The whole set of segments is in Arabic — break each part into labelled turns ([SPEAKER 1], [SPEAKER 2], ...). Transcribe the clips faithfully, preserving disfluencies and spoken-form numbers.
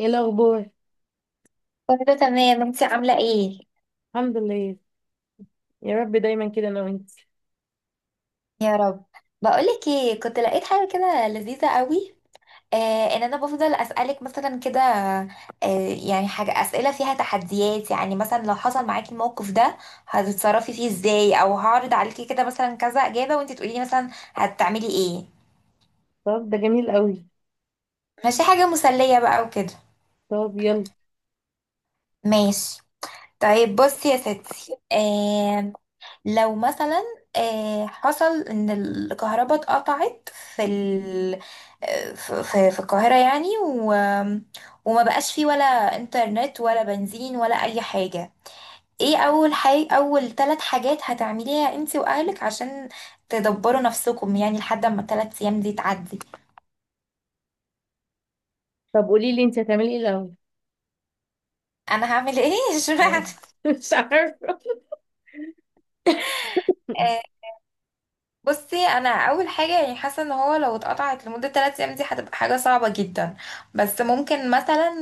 [SPEAKER 1] ايه الاخبار؟
[SPEAKER 2] كله تمام انت عاملة ايه؟
[SPEAKER 1] الحمد لله. يا رب دايما كده انا وانت.
[SPEAKER 2] يا رب. بقولك ايه، كنت لقيت حاجة كده لذيذة قوي. آه ان انا بفضل اسألك مثلا كده. آه يعني حاجة، اسئلة فيها تحديات، يعني مثلا لو حصل معاكي الموقف ده هتتصرفي فيه ازاي، او هعرض عليكي كده مثلا كذا اجابة وانت تقولي لي مثلا هتعملي ايه.
[SPEAKER 1] طب ده جميل قوي.
[SPEAKER 2] ماشي، حاجة مسلية بقى وكده.
[SPEAKER 1] طب يلا.
[SPEAKER 2] ماشي. طيب بصي يا ستي، آم، لو مثلا آه، حصل ان الكهرباء اتقطعت في ال... آه، في في في القاهرة يعني، و... وما بقاش فيه ولا انترنت ولا بنزين ولا اي حاجة. ايه اول حاجة، اول ثلاث حاجات هتعمليها انتي واهلك عشان تدبروا نفسكم يعني لحد ما الثلاث ايام دي تعدي؟
[SPEAKER 1] طب قولي لي انت هتعملي ايه الاول؟
[SPEAKER 2] انا هعمل ايه
[SPEAKER 1] اه
[SPEAKER 2] اشمعنى.
[SPEAKER 1] مش عارفه.
[SPEAKER 2] آه، بصي، انا اول حاجه يعني حاسه ان هو لو اتقطعت لمده تلات ايام دي هتبقى حاجه صعبه جدا، بس ممكن مثلا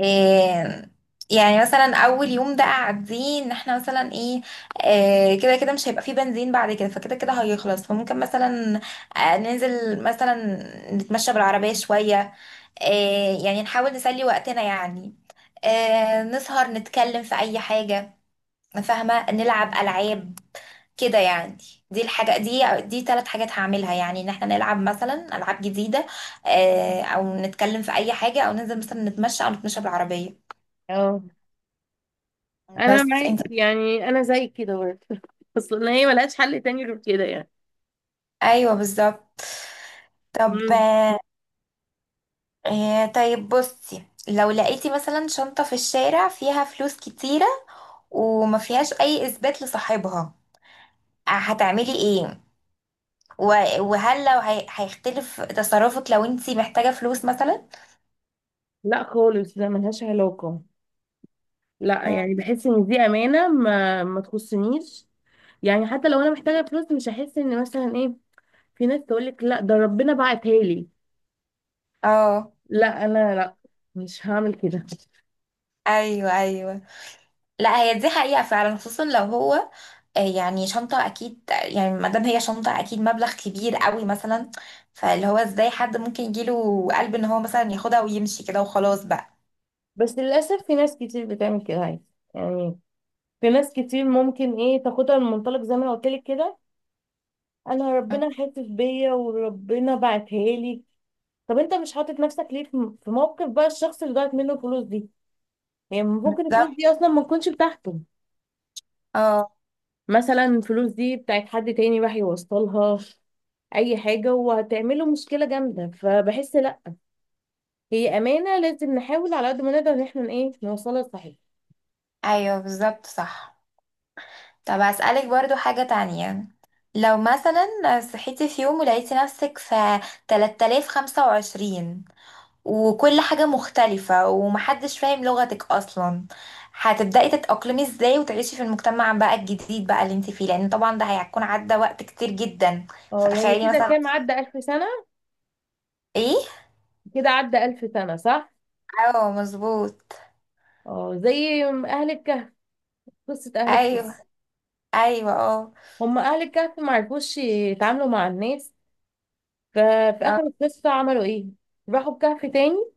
[SPEAKER 2] إيه، يعني مثلا اول يوم ده قاعدين ان احنا مثلا ايه، إيه، كده كده مش هيبقى فيه بنزين بعد كده، فكده كده هيخلص، فممكن مثلا آه، ننزل مثلا نتمشى بالعربية شوية. إيه يعني نحاول نسلي وقتنا يعني، إيه، نسهر نتكلم في اي حاجة، فاهمة، نلعب العاب كده يعني. دي الحاجة، دي دي ثلاث حاجات هعملها، يعني ان احنا نلعب مثلا العاب جديدة، آه، او نتكلم في اي حاجة، او ننزل مثلا نتمشى، او نتمشى بالعربية.
[SPEAKER 1] اه انا
[SPEAKER 2] بس
[SPEAKER 1] معاك،
[SPEAKER 2] انت،
[SPEAKER 1] يعني انا زي كده برضه اصل هي ملهاش حل تاني غير كده يعني.
[SPEAKER 2] ايوه بالظبط. طب
[SPEAKER 1] مم.
[SPEAKER 2] آه، آه، طيب بصي، لو لقيتي مثلا شنطة في الشارع فيها فلوس كتيرة وما فيهاش اي اثبات لصاحبها، آه، هتعملي ايه؟ و- وهل لو هي- هيختلف تصرفك لو انت محتاجة فلوس مثلا؟
[SPEAKER 1] لا خالص، ده ملهاش علاقه. لا
[SPEAKER 2] مم.
[SPEAKER 1] يعني بحس ان دي امانه ما ما تخصنيش. يعني حتى لو انا محتاجه فلوس مش هحس ان مثلا ايه. في ناس تقول لك لا، ده ربنا بعتها لي.
[SPEAKER 2] اه،
[SPEAKER 1] لا، انا لا، مش هعمل كده.
[SPEAKER 2] ايوه ايوه، لا هي دي حقيقة فعلا، خصوصا لو هو آه، يعني شنطة، أكيد يعني ما دام هي شنطة أكيد مبلغ كبير قوي مثلا، فاللي هو ازاي حد ممكن يجيله قلب إن هو مثلا ياخدها ويمشي كده وخلاص بقى.
[SPEAKER 1] بس للأسف في ناس كتير بتعمل كده عادي. يعني في ناس كتير ممكن ايه تاخدها من منطلق زي ما انا قلت لك كده، انا
[SPEAKER 2] مم،
[SPEAKER 1] ربنا حاسس بيا وربنا بعتها لي. طب انت مش حاطط نفسك ليه في في موقف بقى الشخص اللي ضاعت منه الفلوس دي؟ يعني
[SPEAKER 2] بالظبط
[SPEAKER 1] ممكن الفلوس
[SPEAKER 2] بالظبط.
[SPEAKER 1] دي اصلا ما تكونش بتاعته.
[SPEAKER 2] اه،
[SPEAKER 1] مثلا الفلوس دي بتاعت حد تاني، راح يوصلها اي حاجة وهتعمله مشكلة جامدة. فبحس لا، هي امانة لازم نحاول على قد ما نقدر ان احنا ايه نوصلها صحيح.
[SPEAKER 2] أيوه بالظبط صح. طب هسألك برضو حاجة تانية، لو مثلا صحيتي في يوم ولقيتي نفسك في ثلاثة آلاف وخمسة وعشرين وكل حاجة مختلفة ومحدش فاهم لغتك أصلا، هتبدأي تتأقلمي ازاي وتعيشي في المجتمع بقى الجديد بقى اللي انت فيه؟ لأن طبعا ده هيكون عدى وقت كتير جدا.
[SPEAKER 1] اه يعني
[SPEAKER 2] فتخيلي
[SPEAKER 1] كده
[SPEAKER 2] مثلا
[SPEAKER 1] كام عدى؟ الف سنة؟
[SPEAKER 2] ايه.
[SPEAKER 1] كده عدى ألف سنة صح؟
[SPEAKER 2] اه مظبوط.
[SPEAKER 1] اه زي أهل الكهف، قصة أهل الكهف.
[SPEAKER 2] ايوه ايوه. اه
[SPEAKER 1] هم أهل الكهف ما عرفوش يتعاملوا مع الناس، ففي
[SPEAKER 2] اه
[SPEAKER 1] آخر القصة عملوا إيه؟ راحوا الكهف تاني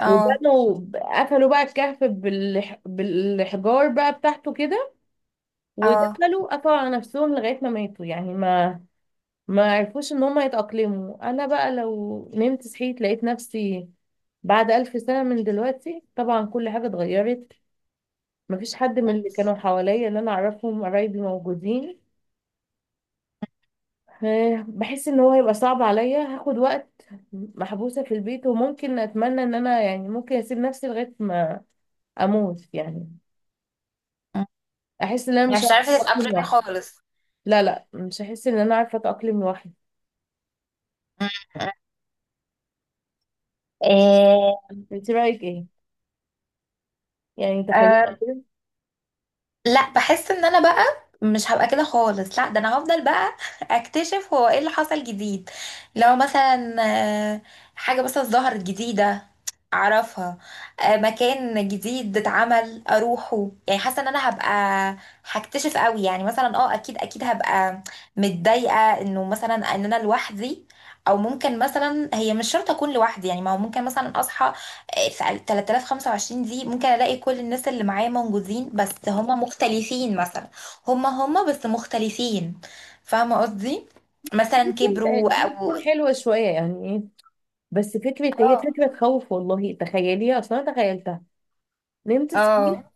[SPEAKER 2] اه
[SPEAKER 1] وبنوا، قفلوا بقى الكهف بالح... بالحجار بقى بتاعته كده،
[SPEAKER 2] اه.
[SPEAKER 1] ودخلوا قفلوا على نفسهم لغاية ما ماتوا، يعني ما ما عرفوش إن هم يتأقلموا. أنا بقى لو نمت صحيت لقيت نفسي بعد ألف سنة من دلوقتي، طبعا كل حاجة اتغيرت، مفيش حد من اللي كانوا حواليا اللي انا اعرفهم قرايبي موجودين. آه، بحس ان هو هيبقى صعب عليا، هاخد وقت محبوسة في البيت، وممكن اتمنى ان انا يعني ممكن اسيب نفسي لغاية ما اموت يعني.
[SPEAKER 2] مم.
[SPEAKER 1] احس ان انا
[SPEAKER 2] يعني
[SPEAKER 1] مش
[SPEAKER 2] مش
[SPEAKER 1] عارفة
[SPEAKER 2] هتعرفي
[SPEAKER 1] اتأقلم
[SPEAKER 2] تتأقلمي
[SPEAKER 1] لوحدي.
[SPEAKER 2] خالص.
[SPEAKER 1] لا لا، مش هحس ان انا عارفة اتأقلم لوحدي.
[SPEAKER 2] مم. إيه.
[SPEAKER 1] انت رأيك ايه؟ يعني تخيل.
[SPEAKER 2] آه، لا بحس ان انا بقى مش هبقى كده خالص، لا ده انا هفضل بقى اكتشف هو ايه اللي حصل جديد. لو مثلا آه، حاجة مثلا ظهرت جديدة اعرفها، آه، مكان جديد اتعمل اروحه، يعني حاسه ان انا هبقى هكتشف قوي، يعني مثلا اه اكيد اكيد هبقى متضايقه انه مثلا ان انا لوحدي، او ممكن مثلا هي مش شرط اكون لوحدي، يعني ما هو ممكن مثلا اصحى آه، في ثلاثة آلاف وخمسة وعشرين دي ممكن الاقي كل الناس اللي معايا موجودين بس هما مختلفين مثلا، هما هما بس مختلفين، فاهمه قصدي، مثلا كبروا
[SPEAKER 1] دي
[SPEAKER 2] او.
[SPEAKER 1] تكون حلوة شوية، يعني ايه. بس فكرة، هي
[SPEAKER 2] اه
[SPEAKER 1] فكرة تخوف والله. تخيليها، اصلا أنا تخيلتها. نمت صحيت،
[SPEAKER 2] اه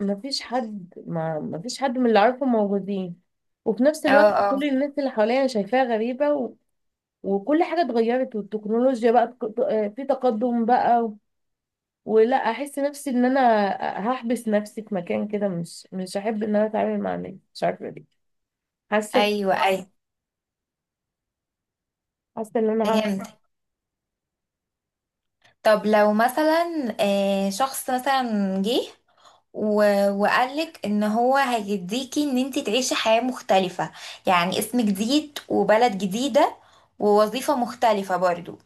[SPEAKER 1] ما فيش حد ما ما فيش حد من اللي اعرفه موجودين، وفي نفس
[SPEAKER 2] اه
[SPEAKER 1] الوقت كل
[SPEAKER 2] اه.
[SPEAKER 1] الناس اللي حواليا شايفاها غريبة، و... وكل حاجة اتغيرت، والتكنولوجيا بقى تق- آه، في تقدم بقى. ولا احس نفسي ان انا آه، هحبس نفسي في مكان كده، مش مش هحب ان انا اتعامل مع الناس، مش عارفة ليه. حاسة
[SPEAKER 2] ايوه ايوه.
[SPEAKER 1] حاسة ان انا عارفة.
[SPEAKER 2] فهمت. طب لو مثلا آه، شخص مثلا جه و- وقالك ان هو هيديكي ان انت تعيشي حياة مختلفة، يعني اسم جديد وبلد جديدة ووظيفة مختلفة برضو،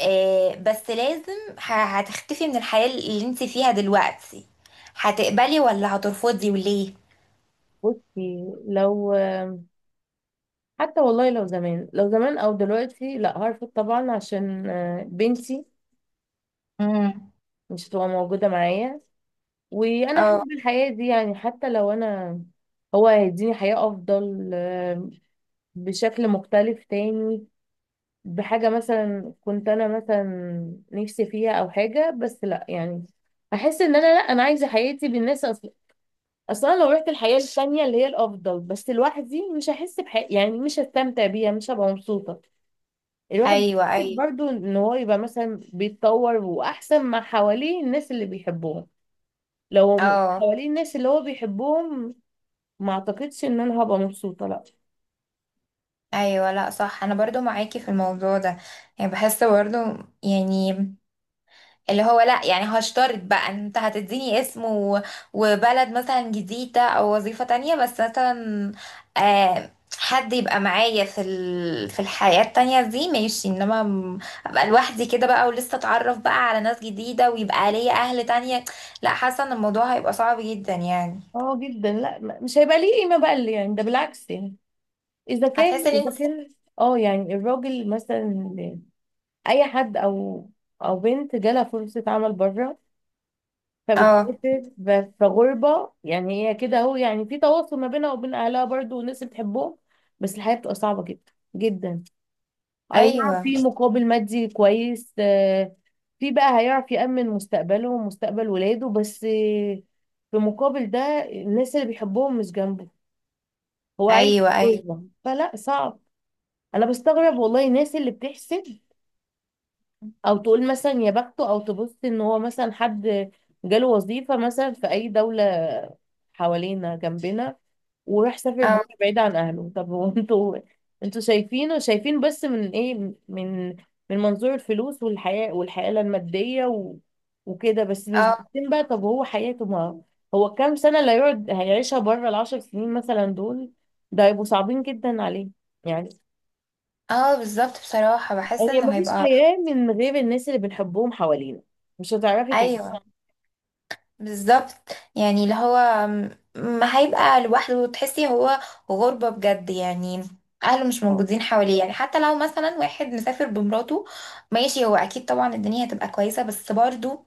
[SPEAKER 2] آه، بس لازم ه- هتختفي من الحياة اللي انت فيها دلوقتي. هتقبلي ولا هترفضي وليه؟
[SPEAKER 1] بصي لو آه، حتى والله لو زمان، لو زمان او دلوقتي، لا هرفض طبعا عشان آه، بنتي
[SPEAKER 2] امم.
[SPEAKER 1] مش هتبقى موجودة معايا، وانا
[SPEAKER 2] اه.
[SPEAKER 1] احب الحياه دي، يعني حتى لو انا هو هيديني حياه افضل آه، بشكل مختلف تاني، بحاجه مثلا كنت انا مثلا نفسي فيها او حاجه، بس لا يعني احس ان انا لا، انا عايزه حياتي بالناس اصلا. اصلا لو رحت الحياه التانيه اللي هي الافضل بس لوحدي مش هحس بحياتي، يعني مش هستمتع بيها، مش هبقى مبسوطه الواحد.
[SPEAKER 2] ايوه ايوه.
[SPEAKER 1] برضو ان هو يبقى مثلا بيتطور واحسن مع حواليه الناس اللي بيحبهم، لو
[SPEAKER 2] اه.
[SPEAKER 1] حواليه الناس اللي هو بيحبهم. ما اعتقدش ان انا هبقى مبسوطه، لا.
[SPEAKER 2] ايوه، لا صح، انا برضو معاكي في الموضوع ده. يعني بحس برضو يعني اللي هو لا، يعني هشترط بقى ان انت هتديني اسم و... وبلد مثلا جديدة او وظيفة تانية، بس مثلا آه، حد يبقى معايا في ال... في الحياة التانية دي ماشي، انما م- ابقى لوحدي كده بقى ولسه اتعرف بقى على ناس جديدة ويبقى ليا اهل تانية، لا، حاسة ان الموضوع هيبقى صعب جدا يعني.
[SPEAKER 1] اه جدا، لا. م- مش هيبقى ليه قيمه بقى اللي يعني ده، بالعكس يعني. اذا كان
[SPEAKER 2] هتحس ان انت.
[SPEAKER 1] اذا كان اه يعني الراجل مثلا، اللي- اي حد، او او بنت جالها فرصه عمل بره،
[SPEAKER 2] اه.
[SPEAKER 1] فبتسافر ب- في غربه، يعني هي كده اهو، يعني في تواصل ما بينها وبين اهلها برضو والناس اللي بتحبهم، بس الحياه بتبقى صعبه جدا جدا. اي نعم، في
[SPEAKER 2] ايوه
[SPEAKER 1] مقابل مادي كويس آه، في بقى هيعرف يأمن مستقبله ومستقبل ولاده، بس آه، في مقابل ده الناس اللي بيحبهم مش جنبه، هو عايز
[SPEAKER 2] ايوه ايوه.
[SPEAKER 1] يحبهم. فلا صعب. انا بستغرب والله الناس اللي بتحسد او تقول مثلا يا بخته، او تبص ان هو مثلا حد جاله وظيفة مثلا في اي دولة حوالينا جنبنا، وراح سافر
[SPEAKER 2] اه
[SPEAKER 1] بره بعيد عن اهله. طب هو انتوا انتوا شايفينه، شايفين بس من ايه؟ من من منظور الفلوس والحياة، والحياة المادية و... وكده، بس مش
[SPEAKER 2] اه
[SPEAKER 1] بتتم بقى. طب هو حياته، ما هو كام سنة اللي هيقعد هيعيشها بره؟ العشر سنين مثلا دول ده هيبقوا صعبين جدا عليه يعني.
[SPEAKER 2] اه. بالظبط، بصراحة بحس
[SPEAKER 1] هي
[SPEAKER 2] انه
[SPEAKER 1] مفيش
[SPEAKER 2] هيبقى.
[SPEAKER 1] حياة من غير الناس اللي بنحبهم حوالينا، مش هتعرفي تعيشي.
[SPEAKER 2] ايوه بالظبط. يعني اللي هو م- ما هيبقى لوحده، وتحسي هو غربة بجد يعني، أهله مش موجودين حواليه. يعني حتى لو مثلا واحد مسافر بمراته ماشي، هو أكيد طبعا الدنيا هتبقى كويسة، بس برضو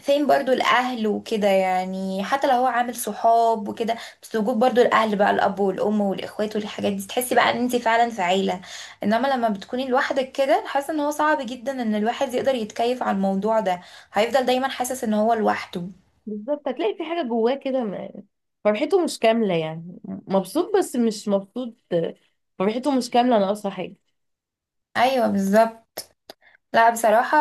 [SPEAKER 2] فين برضو الأهل وكده؟ يعني حتى لو هو عامل صحاب وكده، بس وجود برضو الأهل بقى، الأب والأم والإخوات والحاجات دي، تحسي بقى إن أنت فعلا في عيلة. إنما لما بتكوني لوحدك كده، حاسة إن هو صعب جدا إن الواحد يقدر يتكيف على الموضوع ده، هيفضل دايما حاسس إن هو لوحده.
[SPEAKER 1] بالظبط، هتلاقي في حاجة جواه كده، ما- فرحته مش كاملة، يعني مبسوط بس مش مبسوط، فرحته مش كاملة، ناقصة حاجة.
[SPEAKER 2] ايوه بالظبط. لا بصراحة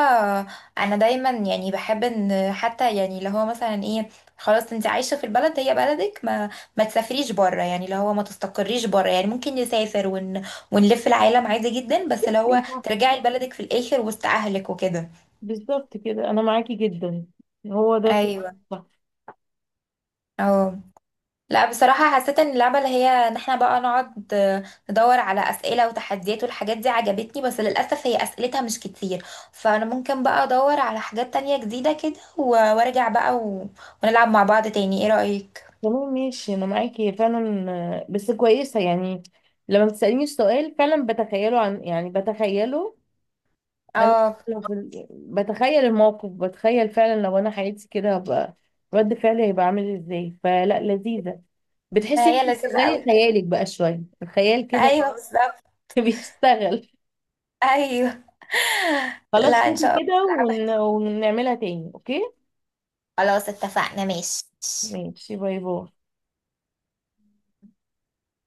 [SPEAKER 2] انا دايما يعني بحب ان حتى يعني اللي هو مثلا ايه، خلاص انت عايشة في البلد، هي بلدك، ما ما تسافريش بره، يعني اللي هو ما تستقريش بره. يعني ممكن نسافر ون... ونلف العالم عادي جدا، بس اللي هو
[SPEAKER 1] صح.
[SPEAKER 2] ترجعي لبلدك في الاخر وسط اهلك وكده.
[SPEAKER 1] بالظبط كده أنا معاكي جدا، هو ده في.
[SPEAKER 2] ايوه.
[SPEAKER 1] صح.
[SPEAKER 2] اه. لا بصراحة حسيت ان اللعبة اللي هي ان احنا بقى نقعد آه، ندور على اسئلة وتحديات والحاجات دي عجبتني، بس للأسف هي اسئلتها مش كتير، فانا ممكن بقى ادور على حاجات تانية جديدة كده و- وارجع بقى و... ونلعب مع بعض تاني، ايه رأيك؟
[SPEAKER 1] تمام ماشي، أنا معاكي فعلا. آه، بس كويسة يعني، لما بتسأليني السؤال فعلا بتخيله، عن يعني بتخيله انا،
[SPEAKER 2] اه
[SPEAKER 1] لو في ال- بتخيل الموقف، بتخيل فعلا لو انا حياتي كده هبقى رد فعلي هيبقى عامل ازاي. فلا، لذيذة. بتحسي
[SPEAKER 2] هي
[SPEAKER 1] انت
[SPEAKER 2] لذيذة قوي
[SPEAKER 1] بتشغلي
[SPEAKER 2] كده.
[SPEAKER 1] خيالك بقى شوية، الخيال كده
[SPEAKER 2] ايوه بالظبط.
[SPEAKER 1] بيشتغل.
[SPEAKER 2] ايوه.
[SPEAKER 1] خلاص
[SPEAKER 2] لا ان شاء
[SPEAKER 1] شوفي
[SPEAKER 2] الله
[SPEAKER 1] كده
[SPEAKER 2] نلعبها.
[SPEAKER 1] ون... ونعملها تاني اوكي.
[SPEAKER 2] خلاص اتفقنا ماشي.
[SPEAKER 1] ماشي. باي باي.